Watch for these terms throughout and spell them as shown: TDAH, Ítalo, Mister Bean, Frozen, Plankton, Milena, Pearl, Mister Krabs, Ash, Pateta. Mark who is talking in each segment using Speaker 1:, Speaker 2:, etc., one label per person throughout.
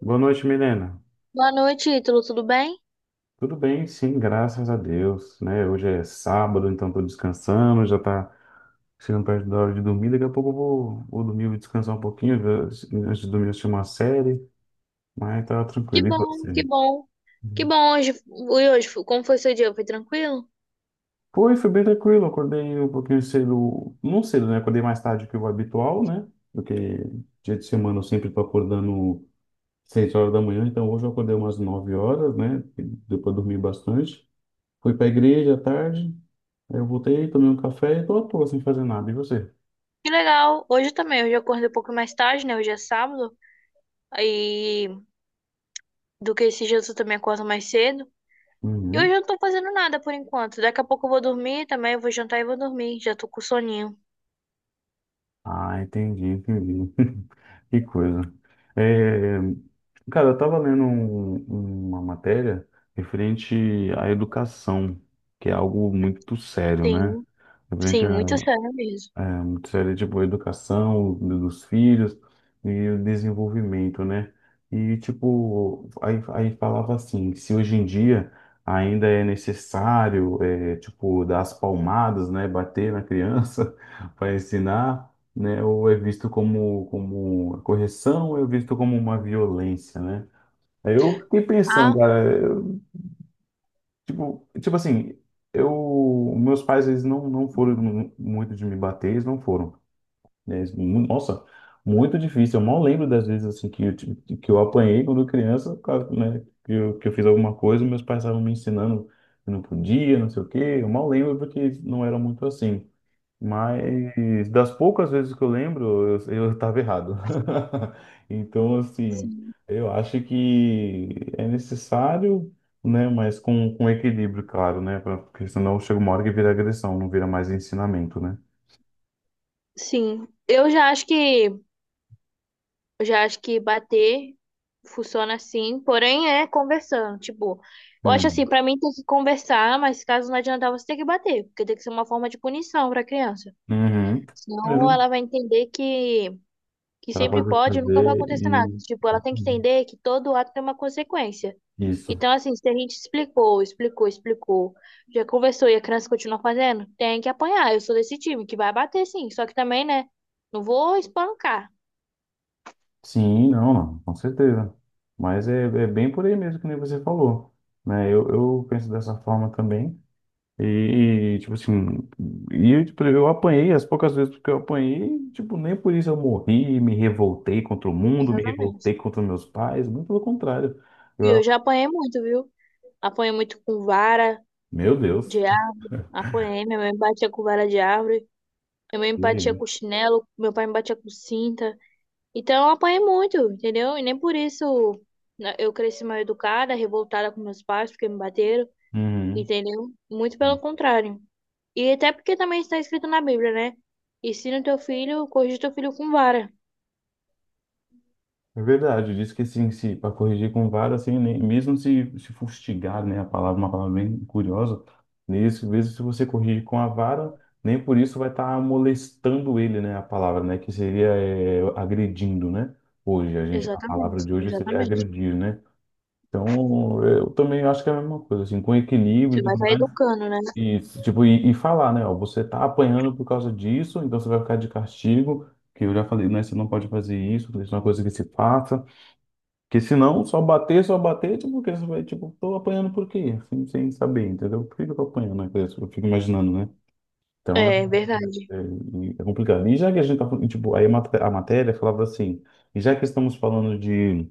Speaker 1: Boa noite, Milena.
Speaker 2: Boa noite, Ítalo, tudo bem?
Speaker 1: Tudo bem? Sim, graças a Deus, né? Hoje é sábado, então tô descansando, já tá chegando perto da hora de dormir. Daqui a pouco eu vou dormir, vou descansar um pouquinho, antes de dormir assistir uma série, mas tá
Speaker 2: Que
Speaker 1: tranquilo. E
Speaker 2: bom,
Speaker 1: você?
Speaker 2: que bom. Que
Speaker 1: Uhum.
Speaker 2: bom hoje. E hoje, como foi seu dia? Foi tranquilo?
Speaker 1: Foi bem tranquilo. Acordei um pouquinho cedo, não cedo, né? Acordei mais tarde que o habitual, né? Porque dia de semana eu sempre tô acordando 6 horas da manhã, então hoje eu acordei umas 9 horas, né? Depois dormi bastante. Fui para a igreja à tarde, eu voltei, tomei um café e tô à toa sem fazer nada. E você?
Speaker 2: Que legal. Hoje também, hoje eu acordei um pouco mais tarde, né? Hoje é sábado. Aí, do que esses dias eu também acordo mais cedo. E hoje
Speaker 1: Uhum.
Speaker 2: eu não tô fazendo nada por enquanto. Daqui a pouco eu vou dormir também, eu vou jantar e vou dormir. Já tô com soninho.
Speaker 1: Ah, entendi, entendi. Que coisa. É, cara, eu tava lendo uma matéria referente à educação, que é algo muito sério, né?
Speaker 2: Sim,
Speaker 1: Referente
Speaker 2: sim, muito
Speaker 1: à
Speaker 2: sério mesmo.
Speaker 1: Seria tipo a educação dos filhos e o desenvolvimento, né? E tipo, aí falava assim, se hoje em dia ainda é necessário, é, tipo, dar as palmadas, né? Bater na criança para ensinar, né? Ou é visto como, como correção, ou é visto como uma violência, né? Aí eu fiquei pensando,
Speaker 2: Ah,
Speaker 1: cara, eu, tipo, tipo assim, eu, meus pais, eles não foram muito de me bater, eles não foram, né? Nossa, muito difícil. Eu mal lembro das vezes assim que eu, que eu apanhei quando criança, por causa, né? Que eu fiz alguma coisa, meus pais estavam me ensinando que não podia, não sei o quê. Eu mal lembro porque não era muito assim. Mas das poucas vezes que eu lembro, eu estava errado. Então, assim, eu acho que é necessário, né? Mas com equilíbrio, claro, né? Porque senão chega uma hora que vira agressão, não vira mais ensinamento, né?
Speaker 2: sim. Eu já acho que bater funciona assim, porém é conversando. Tipo, eu acho assim,
Speaker 1: Hum.
Speaker 2: pra mim tem que conversar, mas caso não adiantar, você tem que bater, porque tem que ser uma forma de punição pra criança.
Speaker 1: Uhum.
Speaker 2: Senão ela vai entender que
Speaker 1: Para
Speaker 2: sempre
Speaker 1: poder
Speaker 2: pode e nunca vai
Speaker 1: fazer
Speaker 2: acontecer nada.
Speaker 1: e
Speaker 2: Tipo, ela tem que entender que todo ato tem uma consequência.
Speaker 1: isso.
Speaker 2: Então, assim, se a gente explicou, já conversou e a criança continua fazendo, tem que apanhar. Eu sou desse time que vai bater sim, só que também, né? Não vou espancar.
Speaker 1: Sim, não, não, com certeza. Mas é, é bem por aí mesmo que nem você falou, né? Eu penso dessa forma também. E, tipo assim, e, tipo, eu apanhei as poucas vezes que eu apanhei, tipo, nem por isso eu morri, me revoltei contra o mundo, me
Speaker 2: Exatamente.
Speaker 1: revoltei contra meus pais, muito pelo contrário.
Speaker 2: E eu
Speaker 1: Eu,
Speaker 2: já apanhei muito, viu? Apanhei muito com vara
Speaker 1: meu Deus.
Speaker 2: de árvore. Apanhei, minha mãe me batia com vara de árvore. Minha mãe me batia com chinelo. Meu pai me batia com cinta. Então eu apanhei muito, entendeu? E nem por isso né, eu cresci mal educada, revoltada com meus pais, porque me bateram,
Speaker 1: Uhum.
Speaker 2: entendeu? Muito pelo contrário. E até porque também está escrito na Bíblia, né? Ensina o teu filho, corrige o teu filho com vara.
Speaker 1: É verdade, diz que assim, se para corrigir com vara, assim, nem, mesmo se, fustigar, né, a palavra, uma palavra bem curiosa, nesse, mesmo se você corrigir com a vara, nem por isso vai estar molestando ele, né, a palavra, né, que seria é, agredindo, né, hoje, a gente, a palavra
Speaker 2: Exatamente,
Speaker 1: de hoje seria
Speaker 2: exatamente.
Speaker 1: agredir, né, então eu também acho que é a mesma coisa, assim, com equilíbrio
Speaker 2: Você
Speaker 1: e
Speaker 2: vai
Speaker 1: tudo
Speaker 2: estar
Speaker 1: mais,
Speaker 2: educando, né?
Speaker 1: e, tipo, e falar, né, ó, você tá apanhando por causa disso, então você vai ficar de castigo, que eu já falei, né, você não pode fazer isso, isso é uma coisa que se passa, porque senão, só bater, tipo, porque você vai, tipo, tô apanhando por quê? Sem saber, entendeu? Por que que eu tô apanhando? Né? Eu fico imaginando, né? Então,
Speaker 2: É verdade.
Speaker 1: é, é é complicado. E já que a gente tá falando, tipo, aí a matéria falava assim, e já que estamos falando de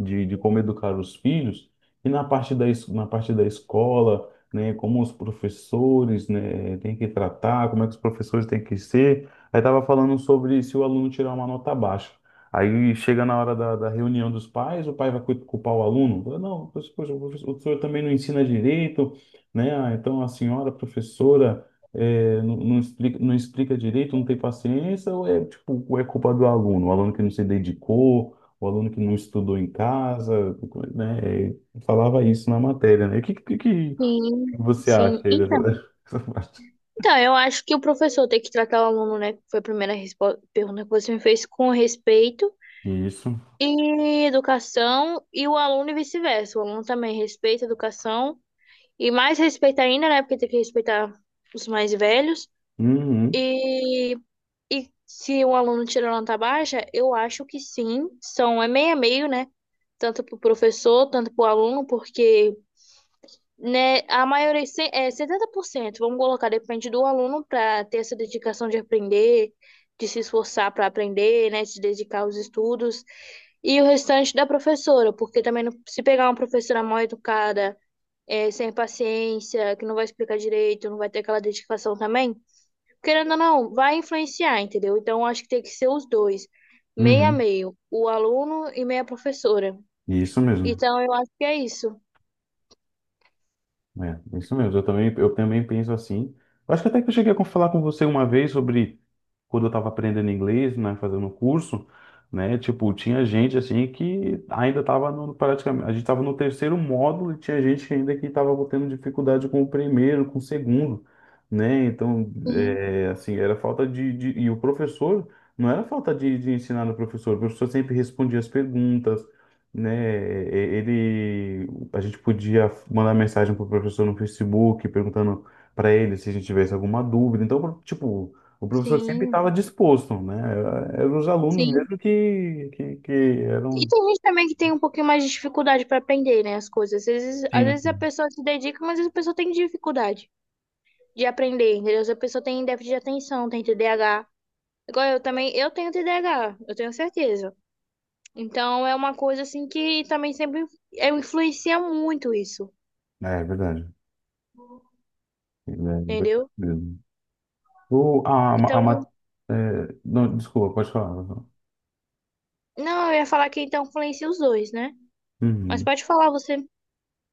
Speaker 1: de, de como educar os filhos, e na parte na parte da escola, né, como os professores, né, têm que tratar, como é que os professores têm que ser. Aí estava falando sobre se o aluno tirar uma nota baixa. Aí chega na hora da, da reunião dos pais, o pai vai culpar o aluno. Fala, não, poxa, poxa, o professor, o senhor também não ensina direito, né? Ah, então a senhora professora, eh, não explica, não explica direito, não tem paciência, ou é, tipo, ou é culpa do aluno, o aluno que não se dedicou, o aluno que não estudou em casa, né? Falava isso na matéria, né? O que
Speaker 2: Sim,
Speaker 1: você acha
Speaker 2: sim.
Speaker 1: aí dessa,
Speaker 2: Então,
Speaker 1: dessa parte?
Speaker 2: Então, eu acho que o professor tem que tratar o aluno, né? que Foi a primeira pergunta que você me fez com respeito
Speaker 1: Isso.
Speaker 2: e educação, e o aluno e vice-versa. O aluno também respeita a educação, e mais respeito ainda, né? Porque tem que respeitar os mais velhos.
Speaker 1: Uhum,
Speaker 2: E, e se o aluno tira nota baixa, eu acho que sim, são é meio a meio, né? Tanto para o professor, tanto para o aluno, porque. Né, a maioria, é 70% vamos colocar, depende do aluno para ter essa dedicação de aprender, de se esforçar para aprender, né, de se dedicar aos estudos, e o restante da professora, porque também se pegar uma professora mal educada, é, sem paciência, que não vai explicar direito, não vai ter aquela dedicação também, querendo ou não, vai influenciar, entendeu? Então acho que tem que ser os dois, meio a
Speaker 1: uhum.
Speaker 2: meio, o aluno e meia professora.
Speaker 1: Isso mesmo.
Speaker 2: Então eu acho que é isso.
Speaker 1: É, isso mesmo. Eu também penso assim. Eu acho que até que eu cheguei a falar com você uma vez sobre quando eu estava aprendendo inglês, né, fazendo um curso, né, tipo, tinha gente assim que ainda estava no, praticamente, a gente estava no terceiro módulo e tinha gente ainda que estava tendo dificuldade com o primeiro, com o segundo, né, então,
Speaker 2: Sim,
Speaker 1: é, assim, era falta de, e o professor, não era falta de ensinar no professor, o professor sempre respondia as perguntas, né, ele, a gente podia mandar mensagem para o professor no Facebook perguntando para ele se a gente tivesse alguma dúvida, então, tipo, o professor sempre
Speaker 2: sim,
Speaker 1: estava disposto, né? Eram os alunos
Speaker 2: sim.
Speaker 1: mesmo que
Speaker 2: E
Speaker 1: eram.
Speaker 2: tem gente também que tem um pouquinho mais de dificuldade para aprender, né, as coisas. Às vezes a
Speaker 1: Sim.
Speaker 2: pessoa se dedica, mas às vezes a pessoa tem dificuldade de aprender, entendeu? Às vezes a pessoa tem déficit de atenção, tem TDAH. Igual eu também, eu tenho TDAH, eu tenho certeza. Então é uma coisa assim que também sempre é, influencia muito isso,
Speaker 1: É, é verdade. É verdade
Speaker 2: entendeu?
Speaker 1: mesmo. O, a,
Speaker 2: Então,
Speaker 1: ma- é, não, desculpa, pode falar.
Speaker 2: não, eu ia falar que então influencia os dois, né? Mas
Speaker 1: Uhum.
Speaker 2: pode falar você.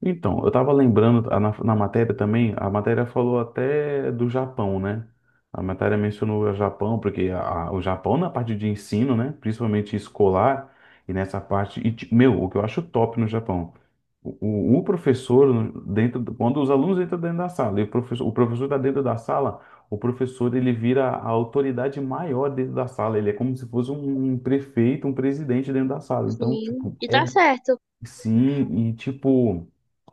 Speaker 1: Então, eu estava lembrando na, na matéria também, a matéria falou até do Japão, né? A matéria mencionou o Japão, porque o Japão na parte de ensino, né? Principalmente escolar, e nessa parte. E, meu, o que eu acho top no Japão. O, o professor, dentro, quando os alunos entram dentro da sala, e o professor está dentro da sala, o professor ele vira a autoridade maior dentro da sala. Ele é como se fosse um, um prefeito, um presidente dentro da sala. Então,
Speaker 2: Sim,
Speaker 1: tipo,
Speaker 2: e
Speaker 1: é.
Speaker 2: tá certo.
Speaker 1: Sim, e tipo,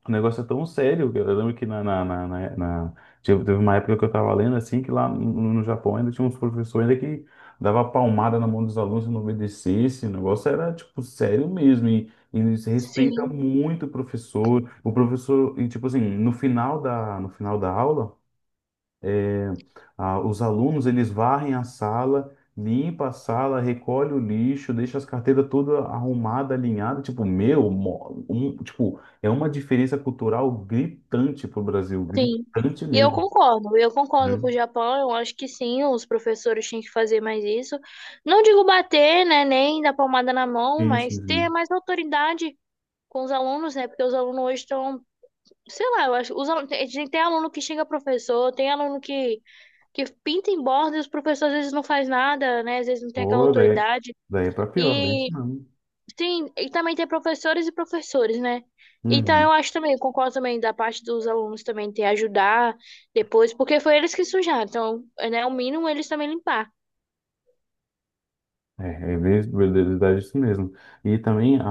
Speaker 1: o negócio é tão sério, que eu lembro que teve, teve uma época que eu tava lendo assim, que lá no Japão ainda tinha uns professores ainda que dava palmada na mão dos alunos se não obedecesse. O negócio era, tipo, sério mesmo. E se respeita
Speaker 2: Sim.
Speaker 1: muito o professor. O professor, e tipo assim, no final da, no final da aula. Ah, os alunos, eles varrem a sala, limpa a sala, recolhe o lixo, deixa as carteiras toda arrumada, alinhada. Tipo, meu, tipo, é uma diferença cultural gritante pro Brasil,
Speaker 2: Sim.
Speaker 1: gritante
Speaker 2: E
Speaker 1: mesmo,
Speaker 2: eu concordo
Speaker 1: né?
Speaker 2: com o Japão, eu acho que sim, os professores tinham que fazer mais isso. Não digo bater, né, nem dar palmada na mão,
Speaker 1: Sim,
Speaker 2: mas
Speaker 1: sim,
Speaker 2: ter
Speaker 1: sim.
Speaker 2: mais autoridade com os alunos, né, porque os alunos hoje estão, sei lá, eu acho, os alunos, tem aluno que xinga professor, tem aluno que pinta em borda e os professores às vezes não faz nada, né, às vezes não tem aquela
Speaker 1: Pô,
Speaker 2: autoridade.
Speaker 1: daí é pra pior, bem isso não.
Speaker 2: Sim, e também tem professores e professores, né? Então eu acho também, eu concordo também da parte dos alunos também ter ajudar depois, porque foi eles que sujaram, então, né, o mínimo eles também limpar.
Speaker 1: É, verdade é isso mesmo. E também a,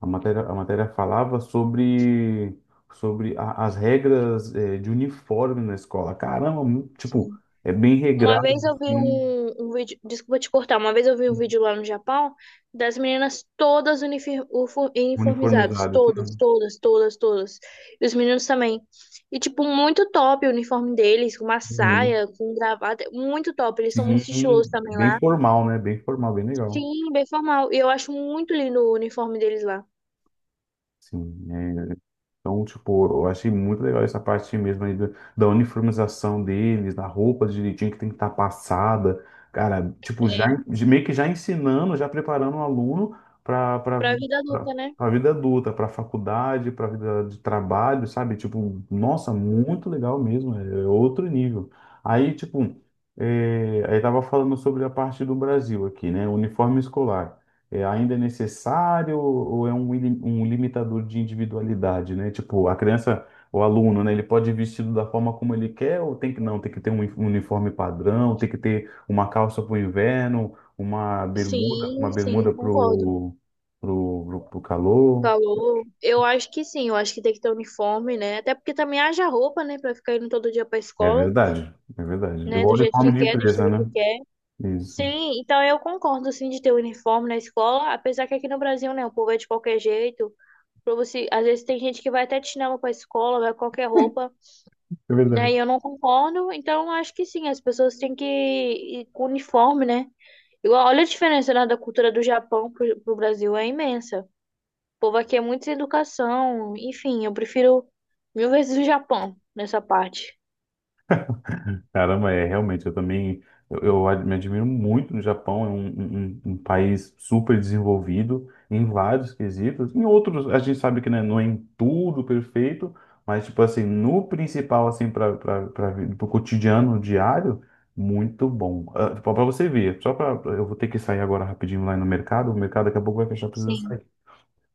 Speaker 1: a matéria falava sobre, sobre as regras, eh, de uniforme na escola. Caramba, tipo,
Speaker 2: Sim.
Speaker 1: é bem
Speaker 2: Uma vez
Speaker 1: regrado,
Speaker 2: eu vi
Speaker 1: assim,
Speaker 2: um, um vídeo, desculpa te cortar, uma vez eu vi um vídeo lá no Japão das meninas todas uniformizadas,
Speaker 1: uniformizado. Isso
Speaker 2: todas,
Speaker 1: mesmo.
Speaker 2: todas, todas, todas. E os meninos também. E, tipo, muito top o uniforme deles, com uma
Speaker 1: Uhum.
Speaker 2: saia, com gravata, muito top. Eles são muito
Speaker 1: Sim,
Speaker 2: estilosos também lá.
Speaker 1: bem formal, né? Bem formal, bem legal.
Speaker 2: Sim, bem formal. E eu acho muito lindo o uniforme deles lá.
Speaker 1: Sim, é, então, tipo, eu achei muito legal essa parte mesmo aí da, da uniformização deles, da roupa direitinho que tem que estar passada. Cara, tipo, já,
Speaker 2: É,
Speaker 1: meio que já ensinando, já preparando o aluno para
Speaker 2: pra vida adulta, né?
Speaker 1: vida adulta, para faculdade, para vida de trabalho, sabe? Tipo, nossa, muito legal mesmo, é outro nível. Aí, tipo, é, aí tava falando sobre a parte do Brasil aqui, né? Uniforme escolar, é, ainda é necessário ou é um, um limitador de individualidade, né? Tipo, a criança, o aluno, né? Ele pode ir vestido da forma como ele quer ou tem que não, tem que ter um uniforme padrão, tem que ter uma calça para o inverno, uma
Speaker 2: Sim, sim,
Speaker 1: bermuda
Speaker 2: concordo.
Speaker 1: pro calor.
Speaker 2: Calor. Eu acho que sim, eu acho que tem que ter uniforme, né? Até porque também haja roupa, né? Pra ficar indo todo dia pra
Speaker 1: É
Speaker 2: escola,
Speaker 1: verdade, é verdade.
Speaker 2: né?
Speaker 1: Igual
Speaker 2: Do jeito
Speaker 1: uniforme
Speaker 2: que
Speaker 1: de
Speaker 2: quer, do
Speaker 1: empresa,
Speaker 2: estilo que
Speaker 1: né?
Speaker 2: quer.
Speaker 1: Isso.
Speaker 2: Sim, então eu concordo, sim, de ter uniforme na escola. Apesar que aqui no Brasil, né? O povo é de qualquer jeito. Pra você... Às vezes tem gente que vai até de chinelo pra escola, vai com qualquer roupa,
Speaker 1: É
Speaker 2: né? E
Speaker 1: verdade.
Speaker 2: eu não concordo. Então eu acho que sim, as pessoas têm que ir com uniforme, né? E olha a diferença, né, da cultura do Japão pro, pro Brasil, é imensa. O povo aqui é muito sem educação, enfim, eu prefiro mil vezes o Japão nessa parte.
Speaker 1: Caramba, é realmente, eu também, eu, me admiro muito no Japão, é um, um país super desenvolvido em vários quesitos. Em outros, a gente sabe que, né, não é em tudo perfeito, mas tipo assim, no principal, assim, para o cotidiano diário, muito bom. Ah, tipo, para você ver, só para, eu vou ter que sair agora rapidinho lá no mercado, o mercado daqui a pouco vai fechar, precisa sair.
Speaker 2: Sim.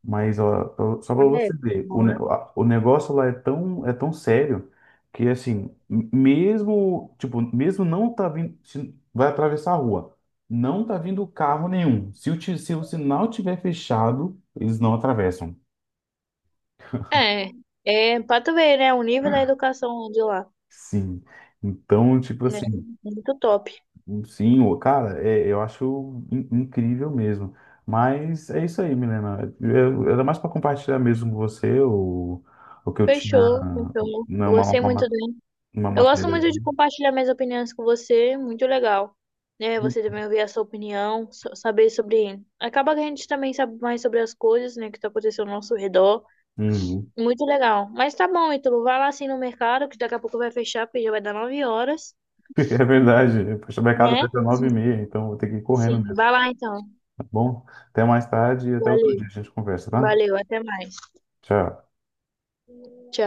Speaker 1: Mas ó, só para
Speaker 2: É,
Speaker 1: você ver, o,
Speaker 2: boa.
Speaker 1: o negócio lá é tão, sério que assim, mesmo, tipo, mesmo não tá vindo, se vai atravessar a rua, não tá vindo carro nenhum. Se o, se o sinal tiver fechado, eles não atravessam.
Speaker 2: É, é pra tu ver, né, o nível da educação de lá,
Speaker 1: Sim. Então, tipo
Speaker 2: né,
Speaker 1: assim,
Speaker 2: muito top.
Speaker 1: sim, ô, cara, eu acho incrível mesmo. Mas é isso aí, Milena. Era mais para compartilhar mesmo com você o que eu tinha,
Speaker 2: Fechou, então,
Speaker 1: não,
Speaker 2: eu gostei muito
Speaker 1: uma
Speaker 2: dele.
Speaker 1: Uma
Speaker 2: Eu gosto
Speaker 1: matéria.
Speaker 2: muito de compartilhar minhas opiniões com você, muito legal. Né, você também ouvir a sua opinião, saber sobre... Acaba que a gente também sabe mais sobre as coisas, né, que tá acontecendo ao nosso redor.
Speaker 1: Uhum.
Speaker 2: Muito legal. Mas tá bom, Ítalo. Vai lá assim no mercado, que daqui a pouco vai fechar, porque já vai dar 9 horas,
Speaker 1: É verdade. Poxa, o mercado
Speaker 2: né?
Speaker 1: fecha 9h30, então vou ter que ir correndo
Speaker 2: Sim,
Speaker 1: mesmo,
Speaker 2: vai lá então.
Speaker 1: tá bom? Até mais tarde e até outro
Speaker 2: Valeu,
Speaker 1: dia a gente conversa, tá?
Speaker 2: valeu, até mais.
Speaker 1: Tchau.
Speaker 2: Tchau.